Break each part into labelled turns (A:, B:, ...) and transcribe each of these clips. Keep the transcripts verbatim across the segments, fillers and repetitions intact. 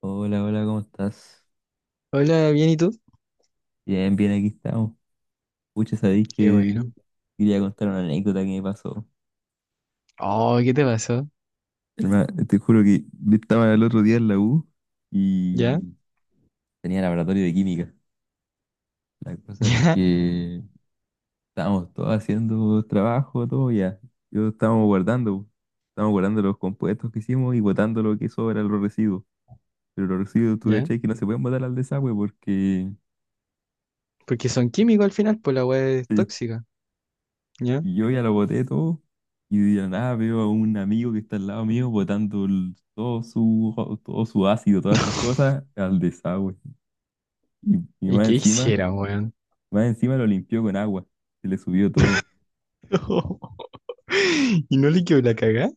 A: Hola, hola, ¿cómo estás?
B: Hola, bien, ¿y tú?
A: Bien, bien, aquí estamos. Pucha, sabéis
B: Qué
A: que
B: bueno.
A: quería contar una anécdota que me pasó.
B: Oh, ¿qué te pasó?
A: Hermano, te juro que yo estaba el otro día en la U
B: ¿Ya?
A: y tenía laboratorio de química. La cosa es
B: ¿Ya?
A: que estábamos todos haciendo trabajo, todo ya. Yo estábamos guardando, Estábamos guardando los compuestos que hicimos y botando lo que sobra, los residuos. Pero los residuos, tú
B: ¿Ya?
A: cachai, que no se pueden botar al desagüe porque.
B: Porque son químicos al final, pues la weá es tóxica. ¿Ya?
A: Y yo ya lo boté todo y de la nada veo a un amigo que está al lado mío botando el- todo su, todo su ácido, todas sus cosas al desagüe. Y, y
B: ¿Y
A: más
B: qué
A: encima,
B: hicieron, weón?
A: más encima lo limpió con agua, se le subió todo.
B: ¿Y no le quedó la cagá?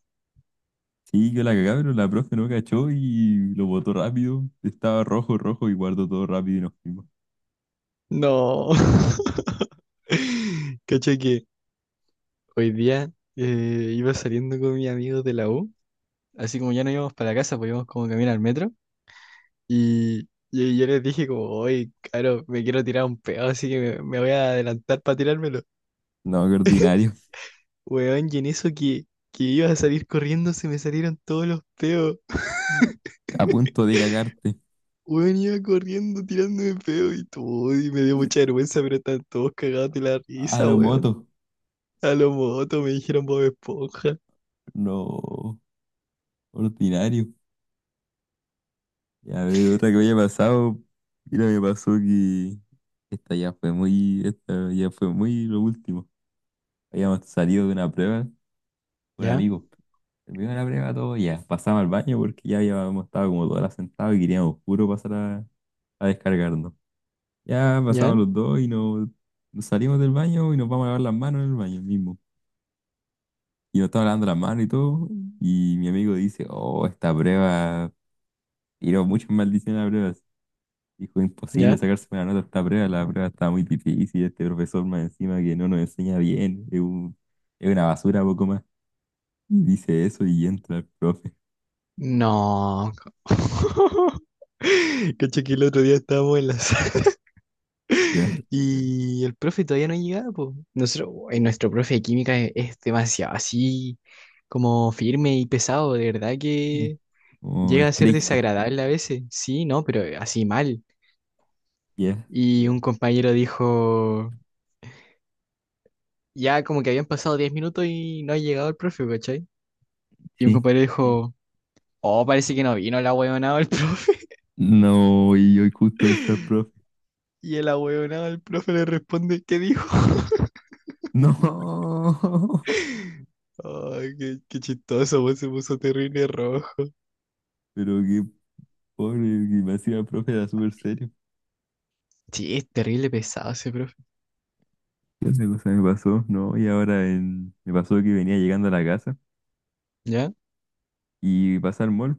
A: Sí, yo la cagaba pero la profe no cachó y lo botó rápido. Estaba rojo, rojo y guardó todo rápido y nos fuimos.
B: No. Cacha que hoy día eh, iba saliendo con mis amigos de la U, así como ya no íbamos para la casa, pues íbamos como caminar al metro, y, y yo les dije como, oye, claro, me quiero tirar un pedo, así que me, me voy a adelantar para tirármelo.
A: No, qué ordinario.
B: Weón, y en eso que, que iba a salir corriendo se me salieron todos los peos.
A: A punto de cagarte.
B: Weón, iba corriendo tirándome peos y todo, y me dio mucha vergüenza, pero están todos cagados de la
A: A
B: risa,
A: lo
B: weón.
A: moto.
B: A lo moto me dijeron Bob Esponja.
A: No, ordinario. Ya, a ver, otra que me haya pasado. Mira, me pasó que esta ya fue muy, esta ya fue muy lo último. Habíamos salido de una prueba con un
B: ¿Ya?
A: amigo. Terminó la prueba todo, ya pasamos al baño porque ya habíamos estado como todas las sentadas y queríamos puro pasar a, a descargarnos. Ya
B: ¿Ya?
A: pasamos los dos y nos, nos salimos del baño y nos vamos a lavar las manos en el baño mismo. Y nos estaba lavando las manos y todo. Y mi amigo dice, oh, esta prueba, tiró muchas maldiciones a la prueba. Dijo, imposible
B: ¿Ya?
A: sacarse una nota a esta prueba, la prueba está muy difícil, este profesor más encima que no nos enseña bien, es un- es una basura poco más. Y dice eso y entra el profe,
B: No. Caché que el otro día estábamos en la sala
A: ¿ya?
B: y el profe todavía no llegaba, po. Nosotros, uy, nuestro profe de química es, es demasiado así como firme y pesado, de verdad que
A: Como
B: llega a ser
A: estricto,
B: desagradable a veces, sí, no, pero eh, así mal.
A: ¿ya?
B: Y un compañero dijo, ya como que habían pasado diez minutos y no ha llegado el profe, ¿cachai? Y un
A: Sí.
B: compañero dijo, oh, parece que no vino el ahueonado el profe.
A: No, y hoy justo entra el profe.
B: Y el ahueonado el profe le responde, ¿qué dijo?
A: No,
B: Ay, qué, qué chistoso, vos se puso terrible rojo.
A: pero qué pobre, que me hacía el profe era súper serio.
B: Sí, es terrible pesado ese profe.
A: ¿Qué otra cosa me pasó? No, y ahora en- me pasó que venía llegando a la casa
B: ¿Ya?
A: y pasa el mall,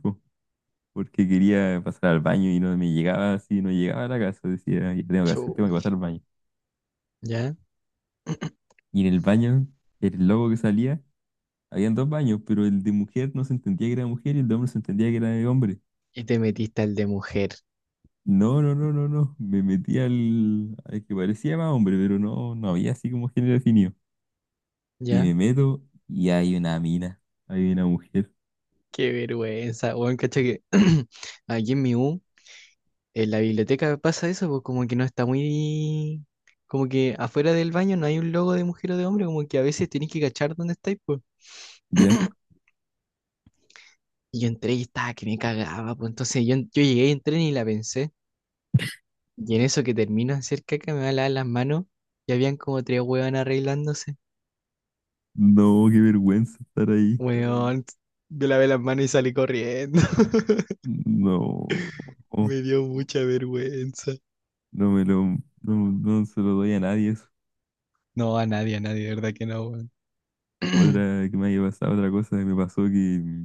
A: porque quería pasar al baño y no me llegaba así, no llegaba a la casa. Decía, ya tengo que hacer, tengo que
B: Chuch.
A: pasar al baño.
B: ¿Ya?
A: Y en el baño, el logo que salía, habían dos baños, pero el de mujer no se entendía que era mujer y el de hombre se entendía que era de hombre.
B: Y te metiste al de mujer.
A: No, no, no, no, no. Me metí al, al que parecía más hombre, pero no, no había así como género definido. Y me
B: ¿Ya?
A: meto y hay una mina, hay una mujer,
B: Qué vergüenza, weón, cacha que aquí en mi U. En la biblioteca pasa eso, pues como que no está muy... Como que afuera del baño no hay un logo de mujer o de hombre, como que a veces tenés que cachar dónde estáis, pues.
A: ¿ya?
B: Y yo entré y estaba que me cagaba, pues entonces yo, yo llegué y entré ni la pensé. Y en eso que termino de hacer caca me va a lavar las manos y habían como tres huevas arreglándose.
A: No, qué vergüenza estar ahí.
B: Huevón, yo lavé las manos y salí corriendo.
A: No,
B: Me dio mucha vergüenza.
A: no me lo, no, no se lo doy a nadie eso.
B: No, a nadie, a nadie, de verdad que no, weón.
A: Otra que me haya pasado, otra cosa que me pasó que,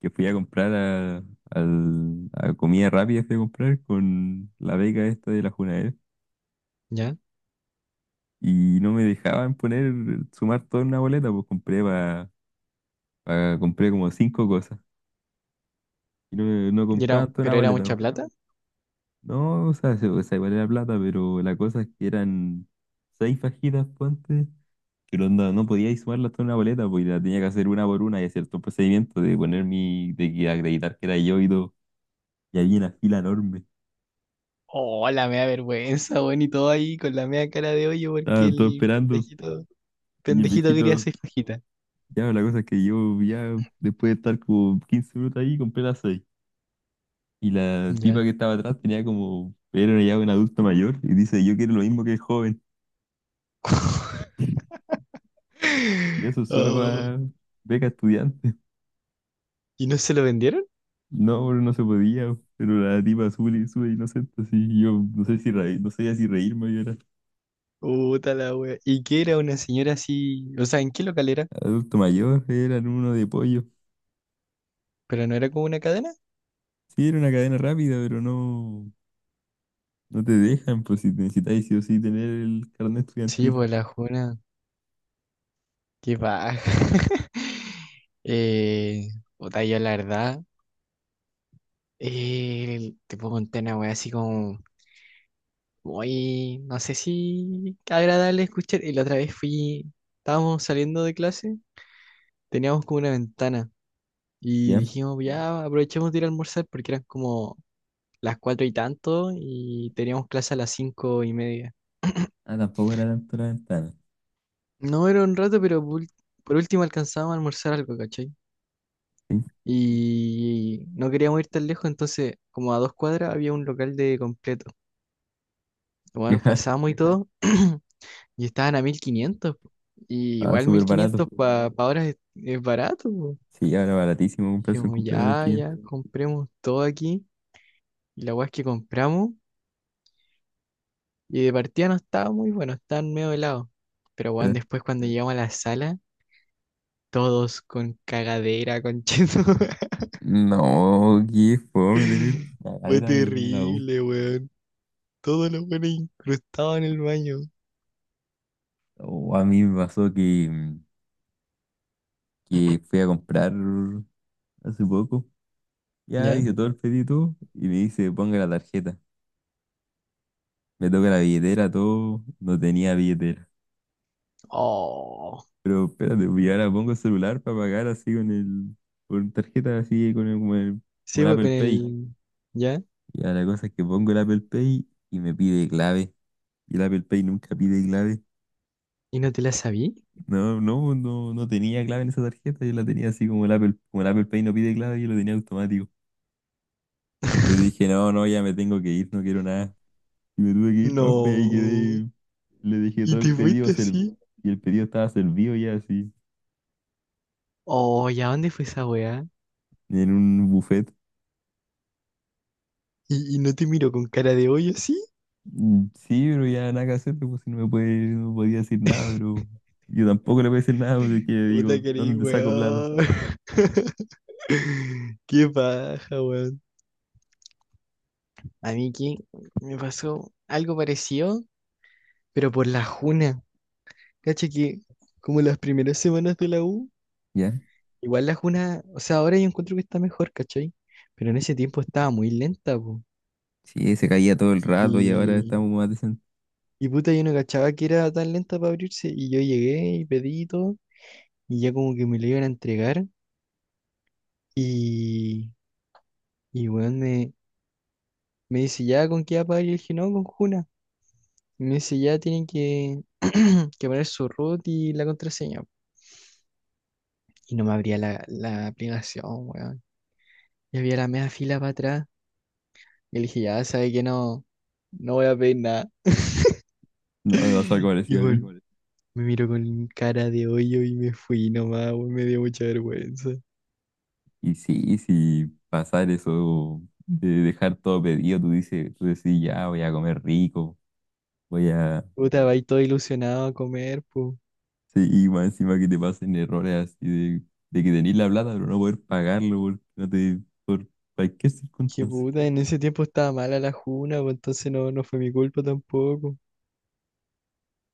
A: que fui a comprar a, al- a comida rápida, fui a comprar con la beca esta de la Junaed
B: ¿Ya?
A: y no me dejaban poner, sumar toda una boleta, pues compré pa- pa- compré como cinco cosas y no, me- no
B: Y era,
A: compraban toda una
B: pero era
A: boleta.
B: mucha
A: Pues.
B: plata.
A: No, o sea, se- o sea, igual era plata, pero la cosa es que eran seis fajitas, ponte, que no, andaba- no podía ir sumarlas toda una boleta, pues y la tenía que hacer una por una y hacer todo el procedimiento de poner mi, de que acreditar que era yo y todo. Y había una fila enorme.
B: Oh, la mea vergüenza, weón, y todo ahí con la mea cara de hoyo porque
A: Estaban todos
B: el
A: esperando.
B: pendejito,
A: Y el
B: pendejito quería
A: viejito,
B: seis fajitas.
A: ya, la cosa es que yo, ya, después de estar como quince minutos ahí, compré las seis. Y la
B: Ya.
A: tipa que estaba atrás tenía como, era ya un adulto mayor. Y dice, yo quiero lo mismo que el joven. Y eso solo
B: Oh,
A: para beca estudiante.
B: ¿y no se lo vendieron?
A: No, bro, no se podía. Pero la tipa sube, y sube inocente, así. Y yo no sé si reír, no sabía si reírme, yo era
B: Puta la wea. ¿Y qué era una señora así? O sea, ¿en qué local era?
A: adulto mayor, eran uno de pollo.
B: ¿Pero no era como una cadena?
A: Sí, era una cadena rápida, pero no. No te dejan, pues si necesitáis sí o sí tener el carnet
B: Sí,
A: estudiantil.
B: pues la juna. Qué baja. eh, Puta, yo la verdad, eh, te puedo contar una wea así como muy, no sé si agradable escuchar. Y la otra vez fui, estábamos saliendo de clase. Teníamos como una ventana y
A: ¿Ya?
B: dijimos, ya aprovechemos de ir a almorzar porque eran como las cuatro y tanto y teníamos clase a las cinco y media.
A: Ah, tampoco era tanto la ventana.
B: No era un rato, pero por, ul- por último alcanzábamos a almorzar algo, ¿cachai?
A: ¿Sí?
B: Y no queríamos ir tan lejos, entonces como a dos cuadras había un local de completo. Bueno,
A: Ya.
B: pasamos y todo y estaban a mil quinientos po. Y
A: Ah,
B: igual
A: súper
B: mil
A: barato.
B: quinientos para ahora es, es barato po.
A: Sí, ahora baratísimo comprarse un
B: Dijimos,
A: completo mil
B: ya,
A: quinientos
B: ya, compremos todo aquí. Y la weá es que compramos. Y de partida no estaba muy bueno, estaban medio helados. Pero bueno,
A: Ya.
B: después cuando llegamos a la sala, todos con cagadera, con cheto.
A: No, qué fome tener
B: Fue
A: cagadera en la U.
B: terrible, weón. Todos los buenos incrustados en el baño.
A: O a mí me pasó que, mm, que fui a comprar hace poco. Ya
B: ¿Ya?
A: hice todo el pedido y me dice, ponga la tarjeta. Me toca la billetera, todo. No tenía billetera.
B: Oh.
A: Pero espérate, pues, y ahora pongo el celular para pagar así con el, con tarjeta así, con el, como el, como
B: Sí,
A: el
B: weón,
A: Apple
B: con
A: Pay.
B: el. ¿Ya?
A: Y ahora la cosa es que pongo el Apple Pay y me pide clave. Y el Apple Pay nunca pide clave.
B: ¿Y no te la sabí?
A: No, no, no, no tenía clave en esa tarjeta, yo la tenía así como el Apple, como el Apple Pay no pide clave, yo lo tenía automático. Le dije, no, no, ya me tengo que ir, no quiero nada. Y me tuve que ir, pues pues, ahí
B: No.
A: quedé, le dejé
B: ¿Y
A: todo el
B: te
A: pedido,
B: fuiste
A: ser-
B: así?
A: y el pedido estaba servido ya así,
B: Oh, ¿y a dónde fue esa weá?
A: en un buffet.
B: ¿Y, y no te miro con cara de hoyo así?
A: Mm, sí, pero ya nada que hacer, pues si no me puede, no podía decir nada, pero yo tampoco le voy a decir nada porque
B: Puta
A: digo,
B: querí,
A: ¿dónde te saco plata?
B: weón. Qué paja, weón. A mí que me pasó algo parecido, pero por la juna. Cacha que como las primeras semanas de la U,
A: Ya,
B: igual la juna, o sea, ahora yo encuentro que está mejor, ¿cachai? Pero en ese tiempo estaba muy lenta, po.
A: sí, se caía todo el rato y ahora
B: Y,
A: estamos más decentes.
B: y puta, yo no cachaba que era tan lenta para abrirse. Y yo llegué y pedí y todo, y ya como que me lo iban a entregar. Y, y weón, me, me dice, ¿ya con qué va a pagar? Y yo dije, no, con juna. Me dice, ya tienen que, que poner su root y la contraseña. Y no me abría la, la aplicación, weón. Y había la media fila para atrás. Y le dije, ya, sabe que no, no voy a pedir nada.
A: No, me pasó algo
B: Y
A: parecido a
B: bueno,
A: mí.
B: igual, me miró con cara de hoyo y me fui nomás, weón. Me dio mucha vergüenza.
A: Y sí, sí, pasar eso de dejar todo pedido, tú dices, tú decís, ya voy a comer rico, voy a...
B: Puta, va ahí todo ilusionado a comer, pues.
A: Sí, y más encima que te pasen errores así de, de que tenés la plata, pero no poder pagarlo por, no te, por cualquier
B: Qué
A: circunstancia.
B: puta, en ese tiempo estaba mala la juna, pues entonces no, no fue mi culpa tampoco.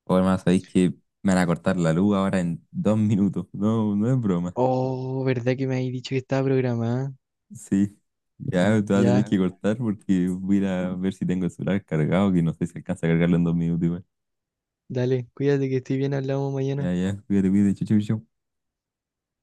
A: O además, sabéis que me van a cortar la luz ahora en dos minutos. No, no es broma.
B: Oh, ¿verdad que me habéis dicho que estaba programada?
A: Sí. Ya te vas a tener
B: Ya,
A: que
B: ya,
A: cortar porque voy a ir a ver si tengo el celular cargado, que no sé si alcanza a cargarlo en dos minutos igual.
B: dale, cuídate que estoy bien, hablamos mañana.
A: Ya, ya, cuídate, cuídate, chau, chau, chau.